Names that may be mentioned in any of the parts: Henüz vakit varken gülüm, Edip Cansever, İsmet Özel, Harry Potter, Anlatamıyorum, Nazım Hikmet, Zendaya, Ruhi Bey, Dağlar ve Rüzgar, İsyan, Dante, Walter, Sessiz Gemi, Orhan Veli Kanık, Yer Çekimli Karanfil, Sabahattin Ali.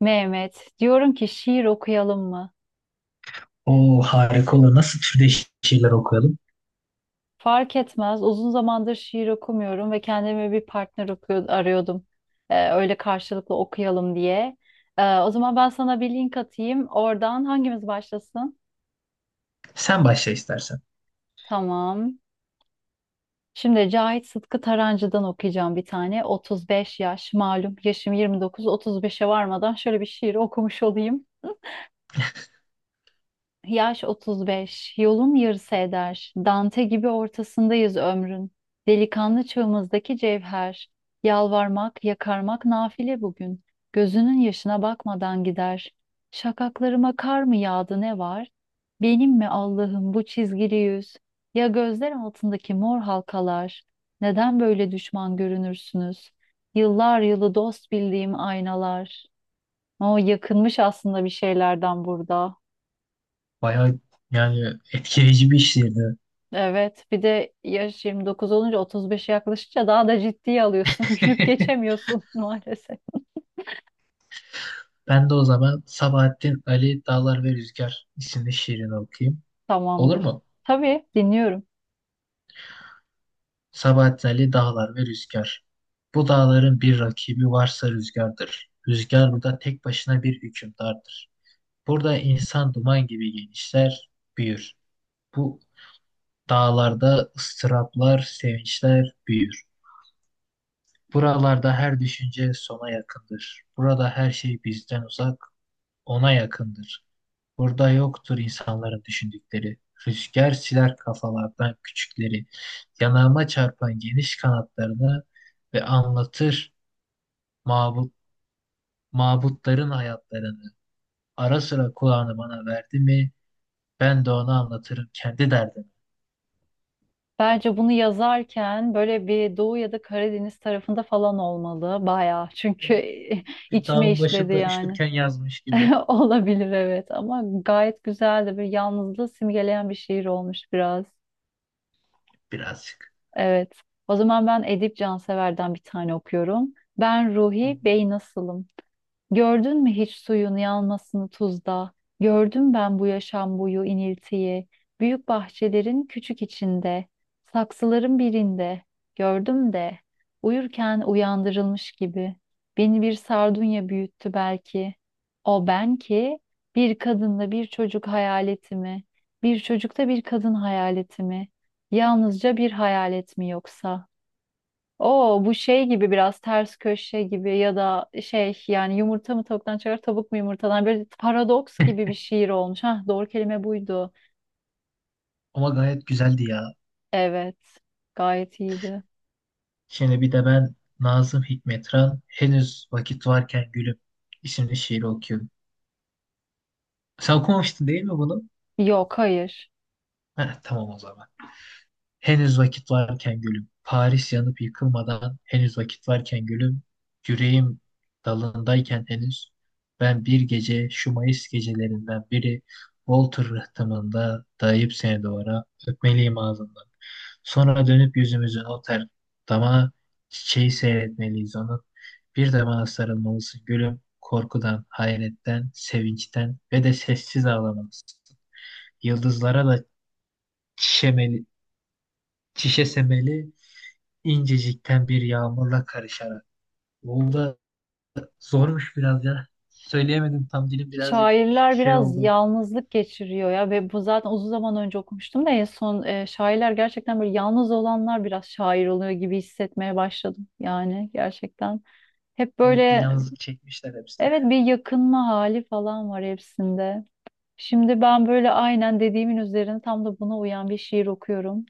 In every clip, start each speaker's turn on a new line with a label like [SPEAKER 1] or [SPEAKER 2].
[SPEAKER 1] Mehmet, diyorum ki şiir okuyalım mı?
[SPEAKER 2] O harika olur. Nasıl türde şeyler okuyalım?
[SPEAKER 1] Fark etmez. Uzun zamandır şiir okumuyorum ve kendime bir partner okuyor, arıyordum. Öyle karşılıklı okuyalım diye. O zaman ben sana bir link atayım. Oradan hangimiz başlasın?
[SPEAKER 2] Sen başla istersen.
[SPEAKER 1] Tamam. Şimdi Cahit Sıtkı Tarancı'dan okuyacağım bir tane. 35 yaş malum yaşım 29, 35'e varmadan şöyle bir şiir okumuş olayım. Yaş 35, yolun yarısı eder. Dante gibi ortasındayız ömrün. Delikanlı çığımızdaki cevher. Yalvarmak, yakarmak nafile bugün. Gözünün yaşına bakmadan gider. Şakaklarıma kar mı yağdı ne var? Benim mi Allah'ım bu çizgili yüz? Ya gözler altındaki mor halkalar? Neden böyle düşman görünürsünüz? Yıllar yılı dost bildiğim aynalar. O yakınmış aslında bir şeylerden burada.
[SPEAKER 2] Bayağı yani etkileyici bir şiirdi.
[SPEAKER 1] Evet, bir de yaş 29 olunca 35'e yaklaşınca daha da ciddiye alıyorsun. Gülüp geçemiyorsun maalesef.
[SPEAKER 2] Ben de o zaman Sabahattin Ali Dağlar ve Rüzgar isimli şiirini okuyayım. Olur
[SPEAKER 1] Tamamdır.
[SPEAKER 2] mu?
[SPEAKER 1] Tabii dinliyorum.
[SPEAKER 2] Sabahattin Ali Dağlar ve Rüzgar. Bu dağların bir rakibi varsa rüzgardır. Rüzgar burada tek başına bir hükümdardır. Burada insan duman gibi genişler, büyür. Bu dağlarda ıstıraplar, sevinçler büyür. Buralarda her düşünce sona yakındır. Burada her şey bizden uzak, ona yakındır. Burada yoktur insanların düşündükleri. Rüzgar siler kafalardan küçükleri. Yanağıma çarpan geniş kanatlarını ve anlatır mabut, mabutların hayatlarını. Ara sıra kulağını bana verdi mi, ben de ona anlatırım kendi derdimi.
[SPEAKER 1] Bence bunu yazarken böyle bir Doğu ya da Karadeniz tarafında falan olmalı. Bayağı çünkü
[SPEAKER 2] Evet, bir
[SPEAKER 1] içime
[SPEAKER 2] dağın
[SPEAKER 1] işledi
[SPEAKER 2] başında
[SPEAKER 1] yani.
[SPEAKER 2] üşürken yazmış gibi
[SPEAKER 1] Olabilir evet, ama gayet güzel de bir yalnızlığı simgeleyen bir şiir olmuş biraz.
[SPEAKER 2] birazcık.
[SPEAKER 1] Evet. O zaman ben Edip Cansever'den bir tane okuyorum. Ben Ruhi Bey nasılım? Gördün mü hiç suyun yanmasını tuzda? Gördüm ben bu yaşam boyu iniltiyi. Büyük bahçelerin küçük içinde, saksıların birinde. Gördüm de uyurken uyandırılmış gibi. Beni bir sardunya büyüttü belki. O ben ki bir kadınla bir çocuk hayaleti mi? Bir çocukta bir kadın hayaleti mi? Yalnızca bir hayalet mi yoksa? O bu şey gibi biraz ters köşe gibi ya da şey yani yumurta mı tavuktan çıkar tavuk mu yumurtadan böyle paradoks gibi bir şiir olmuş. Hah doğru kelime buydu.
[SPEAKER 2] Ama gayet güzeldi ya.
[SPEAKER 1] Evet gayet iyiydi.
[SPEAKER 2] Şimdi bir de ben Nazım Hikmetran henüz vakit varken gülüm isimli şiiri okuyorum. Sen okumamıştın değil mi bunu?
[SPEAKER 1] Yok hayır.
[SPEAKER 2] Heh, tamam o zaman. Henüz vakit varken gülüm, Paris yanıp yıkılmadan henüz vakit varken gülüm, yüreğim dalındayken henüz, ben bir gece şu Mayıs gecelerinden biri Walter rıhtımında dayayıp seni duvara öpmeliyim ağzından. Sonra dönüp yüzümüzün o ter dama çiçeği seyretmeliyiz onun. Bir de bana sarılmalısın gülüm, korkudan, hayretten, sevinçten ve de sessiz ağlamalısın. Yıldızlara da çişemeli, çişesemeli incecikten bir yağmurla karışarak. Bu da zormuş biraz ya. Söyleyemedim tam dilim birazcık
[SPEAKER 1] Şairler
[SPEAKER 2] şey
[SPEAKER 1] biraz
[SPEAKER 2] oldu.
[SPEAKER 1] yalnızlık geçiriyor ya ve bu zaten uzun zaman önce okumuştum da en son şairler gerçekten böyle yalnız olanlar biraz şair oluyor gibi hissetmeye başladım yani gerçekten. Hep
[SPEAKER 2] Evet bir
[SPEAKER 1] böyle
[SPEAKER 2] yalnızlık çekmişler hepsi.
[SPEAKER 1] evet, bir yakınma hali falan var hepsinde. Şimdi ben böyle aynen dediğimin üzerine tam da buna uyan bir şiir okuyorum.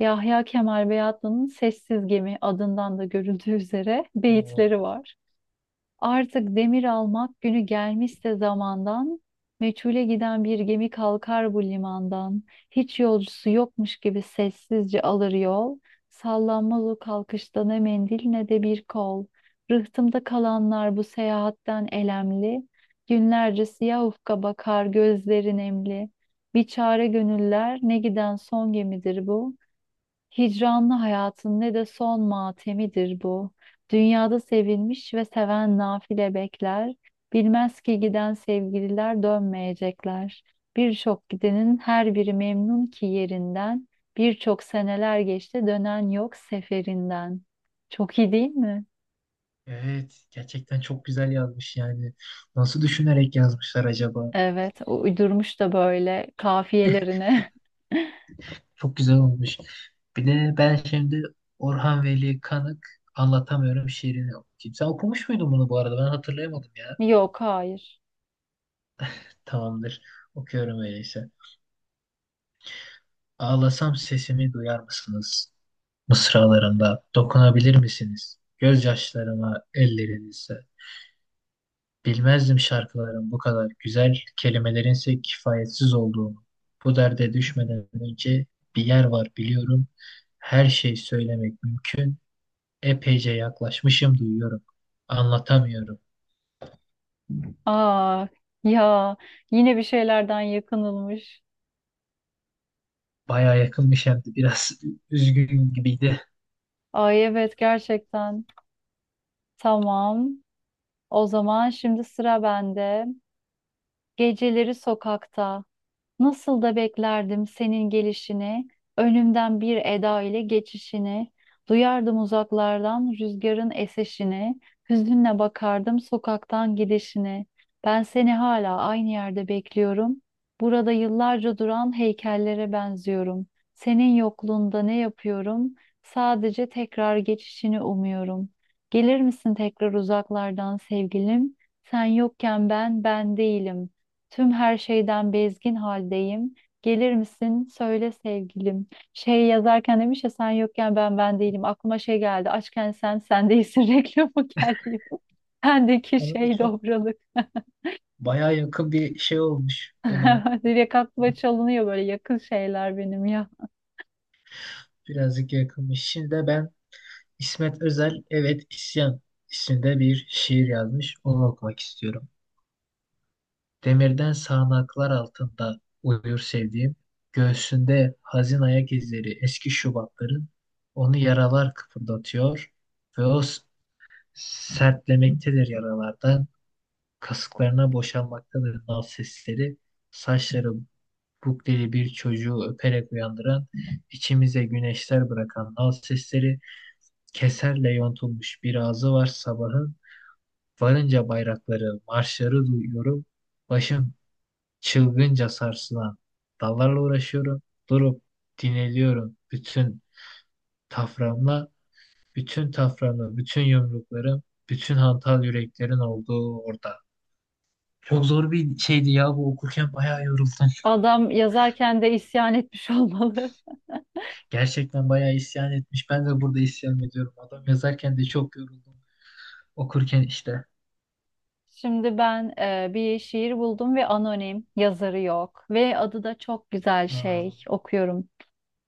[SPEAKER 1] Yahya Kemal Beyatlı'nın Sessiz Gemi adından da görüldüğü üzere
[SPEAKER 2] Oo,
[SPEAKER 1] beyitleri var. Artık demir almak günü gelmişse zamandan, meçhule giden bir gemi kalkar bu limandan. Hiç yolcusu yokmuş gibi sessizce alır yol. Sallanmaz o kalkışta ne mendil ne de bir kol. Rıhtımda kalanlar bu seyahatten elemli. Günlerce siyah ufka bakar gözleri nemli. Bir çare gönüller ne giden son gemidir bu. Hicranlı hayatın ne de son matemidir bu. Dünyada sevilmiş ve seven nafile bekler. Bilmez ki giden sevgililer dönmeyecekler. Birçok gidenin her biri memnun ki yerinden. Birçok seneler geçti dönen yok seferinden. Çok iyi değil mi?
[SPEAKER 2] evet gerçekten çok güzel yazmış yani. Nasıl düşünerek yazmışlar acaba?
[SPEAKER 1] Evet, o uydurmuş da böyle kafiyelerine.
[SPEAKER 2] Çok güzel olmuş. Bir de ben şimdi Orhan Veli Kanık anlatamıyorum şiirini okuyayım. Sen okumuş muydun bunu bu arada? Ben hatırlayamadım ya.
[SPEAKER 1] Yok, hayır.
[SPEAKER 2] Tamamdır. Okuyorum öyleyse. Ağlasam sesimi duyar mısınız mısralarında dokunabilir misiniz? Gözyaşlarıma ellerinizle. Bilmezdim şarkıların bu kadar güzel, kelimelerinse kifayetsiz olduğunu. Bu derde düşmeden önce bir yer var biliyorum. Her şey söylemek mümkün. Epeyce yaklaşmışım duyuyorum. Anlatamıyorum.
[SPEAKER 1] Aa ya, yine bir şeylerden yakınılmış.
[SPEAKER 2] Baya yakınmış hem de biraz üzgün gibiydi.
[SPEAKER 1] Ay evet gerçekten. Tamam. O zaman şimdi sıra bende. Geceleri sokakta. Nasıl da beklerdim senin gelişini, önümden bir eda ile geçişini, duyardım uzaklardan rüzgarın eseşini, hüzünle bakardım sokaktan gidişini. Ben seni hala aynı yerde bekliyorum. Burada yıllarca duran heykellere benziyorum. Senin yokluğunda ne yapıyorum? Sadece tekrar geçişini umuyorum. Gelir misin tekrar uzaklardan sevgilim? Sen yokken ben değilim. Tüm her şeyden bezgin haldeyim. Gelir misin? Söyle sevgilim. Şey yazarken demiş ya sen yokken ben ben değilim. Aklıma şey geldi. Açken sen sen değilsin reklamı geldi. Bendeki
[SPEAKER 2] Ona da
[SPEAKER 1] şey
[SPEAKER 2] çok
[SPEAKER 1] dobralık.
[SPEAKER 2] baya yakın bir şey olmuş ona.
[SPEAKER 1] Direkt aklıma çalınıyor böyle yakın şeyler benim ya.
[SPEAKER 2] Birazcık yakınmış. Şimdi de ben İsmet Özel, evet İsyan isimde bir şiir yazmış. Onu okumak istiyorum. Demirden sağanaklar altında uyur sevdiğim, göğsünde hazin ayak izleri eski Şubatların, onu yaralar kıpırdatıyor ve sertlemektedir yaralardan, kasıklarına boşalmaktadır nal sesleri, saçları Buk diye bir çocuğu öperek uyandıran, içimize güneşler bırakan nal sesleri, keserle yontulmuş bir ağzı var sabahın, varınca bayrakları, marşları duyuyorum, başım çılgınca sarsılan dallarla uğraşıyorum, durup dinleniyorum bütün taframla, bütün taframla, bütün yumruklarım, bütün hantal yüreklerin olduğu orada. Çok zor bir şeydi ya bu okurken bayağı yoruldum.
[SPEAKER 1] Adam yazarken de isyan etmiş olmalı.
[SPEAKER 2] Gerçekten bayağı isyan etmiş. Ben de burada isyan ediyorum. Adam yazarken de çok yoruldum. Okurken işte.
[SPEAKER 1] Şimdi ben bir şiir buldum ve anonim yazarı yok ve adı da çok güzel
[SPEAKER 2] Aa,
[SPEAKER 1] şey okuyorum.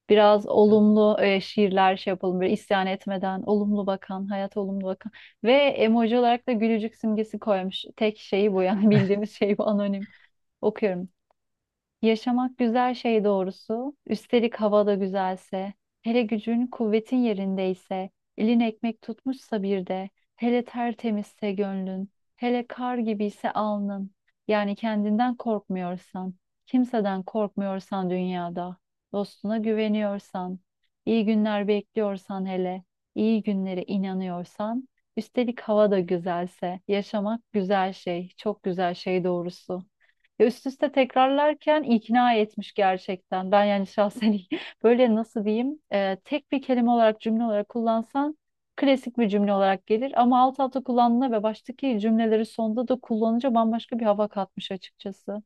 [SPEAKER 1] Biraz olumlu şiirler şey yapalım böyle isyan etmeden olumlu bakan hayat olumlu bakan ve emoji olarak da gülücük simgesi koymuş. Tek şeyi bu yani bildiğimiz şey bu anonim. Okuyorum. Yaşamak güzel şey doğrusu. Üstelik hava da güzelse, hele gücün kuvvetin yerindeyse, elin ekmek tutmuşsa bir de, hele tertemizse gönlün, hele kar gibiyse alnın. Yani kendinden korkmuyorsan, kimseden korkmuyorsan dünyada, dostuna güveniyorsan, iyi günler bekliyorsan hele, iyi günlere inanıyorsan, üstelik hava da güzelse, yaşamak güzel şey, çok güzel şey doğrusu. Ya üst üste tekrarlarken ikna etmiş gerçekten. Ben yani şahsen böyle nasıl diyeyim tek bir kelime olarak cümle olarak kullansan klasik bir cümle olarak gelir. Ama alt alta kullandığında ve baştaki cümleleri sonda da kullanınca bambaşka bir hava katmış açıkçası.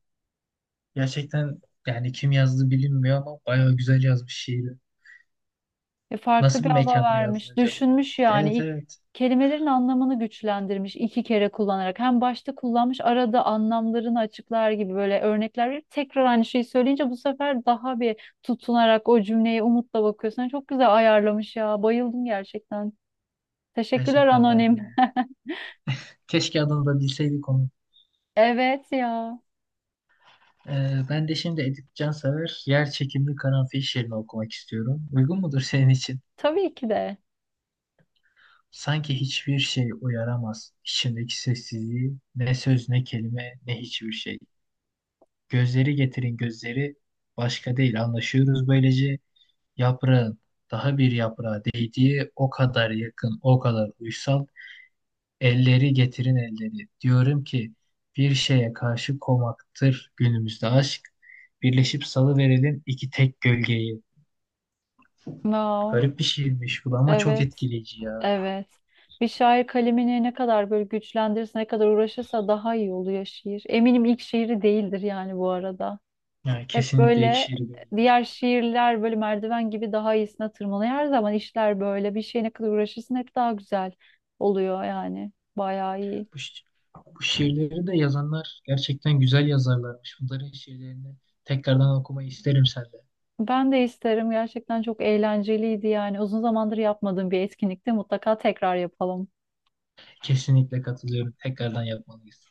[SPEAKER 2] gerçekten yani kim yazdı bilinmiyor ama bayağı güzel yazmış şiiri.
[SPEAKER 1] Farklı
[SPEAKER 2] Nasıl
[SPEAKER 1] bir
[SPEAKER 2] bir
[SPEAKER 1] hava
[SPEAKER 2] mekanda yazdı
[SPEAKER 1] vermiş,
[SPEAKER 2] acaba?
[SPEAKER 1] düşünmüş yani.
[SPEAKER 2] Evet, evet.
[SPEAKER 1] Kelimelerin anlamını güçlendirmiş iki kere kullanarak. Hem başta kullanmış, arada anlamlarını açıklar gibi böyle örnekler verip tekrar aynı şeyi söyleyince bu sefer daha bir tutunarak o cümleye umutla bakıyorsun. Yani çok güzel ayarlamış ya. Bayıldım gerçekten. Teşekkürler
[SPEAKER 2] Gerçekten ben de.
[SPEAKER 1] anonim.
[SPEAKER 2] Keşke adını da bilseydik onu.
[SPEAKER 1] Evet ya.
[SPEAKER 2] Ben de şimdi Edip Cansever Yer Çekimli Karanfil şiirini okumak istiyorum. Uygun mudur senin için?
[SPEAKER 1] Tabii ki de.
[SPEAKER 2] Sanki hiçbir şey uyaramaz. İçimdeki sessizliği, ne söz ne kelime ne hiçbir şey. Gözleri getirin gözleri başka değil anlaşıyoruz böylece. Yaprağın daha bir yaprağa değdiği o kadar yakın o kadar uysal. Elleri getirin elleri. Diyorum ki bir şeye karşı komaktır günümüzde aşk. Birleşip salıverelim iki tek gölgeyi.
[SPEAKER 1] Wow.
[SPEAKER 2] Garip bir şiirmiş bu da ama çok
[SPEAKER 1] Evet.
[SPEAKER 2] etkileyici ya.
[SPEAKER 1] Evet. Bir şair kalemini ne kadar böyle güçlendirirse, ne kadar uğraşırsa daha iyi oluyor şiir. Eminim ilk şiiri değildir yani bu arada.
[SPEAKER 2] Yani
[SPEAKER 1] Hep
[SPEAKER 2] kesinlikle ilk
[SPEAKER 1] böyle
[SPEAKER 2] şiir değildir.
[SPEAKER 1] diğer şiirler böyle merdiven gibi daha iyisine tırmanıyor. Her zaman işler böyle bir şeye ne kadar uğraşırsın hep daha güzel oluyor yani. Bayağı iyi.
[SPEAKER 2] Bu, şi- Bu şiirleri de yazanlar gerçekten güzel yazarlarmış. Bunların şiirlerini tekrardan okumayı isterim senden.
[SPEAKER 1] Ben de isterim. Gerçekten çok eğlenceliydi yani. Uzun zamandır yapmadığım bir etkinlikte mutlaka tekrar yapalım.
[SPEAKER 2] Kesinlikle katılıyorum. Tekrardan yapmalıyız.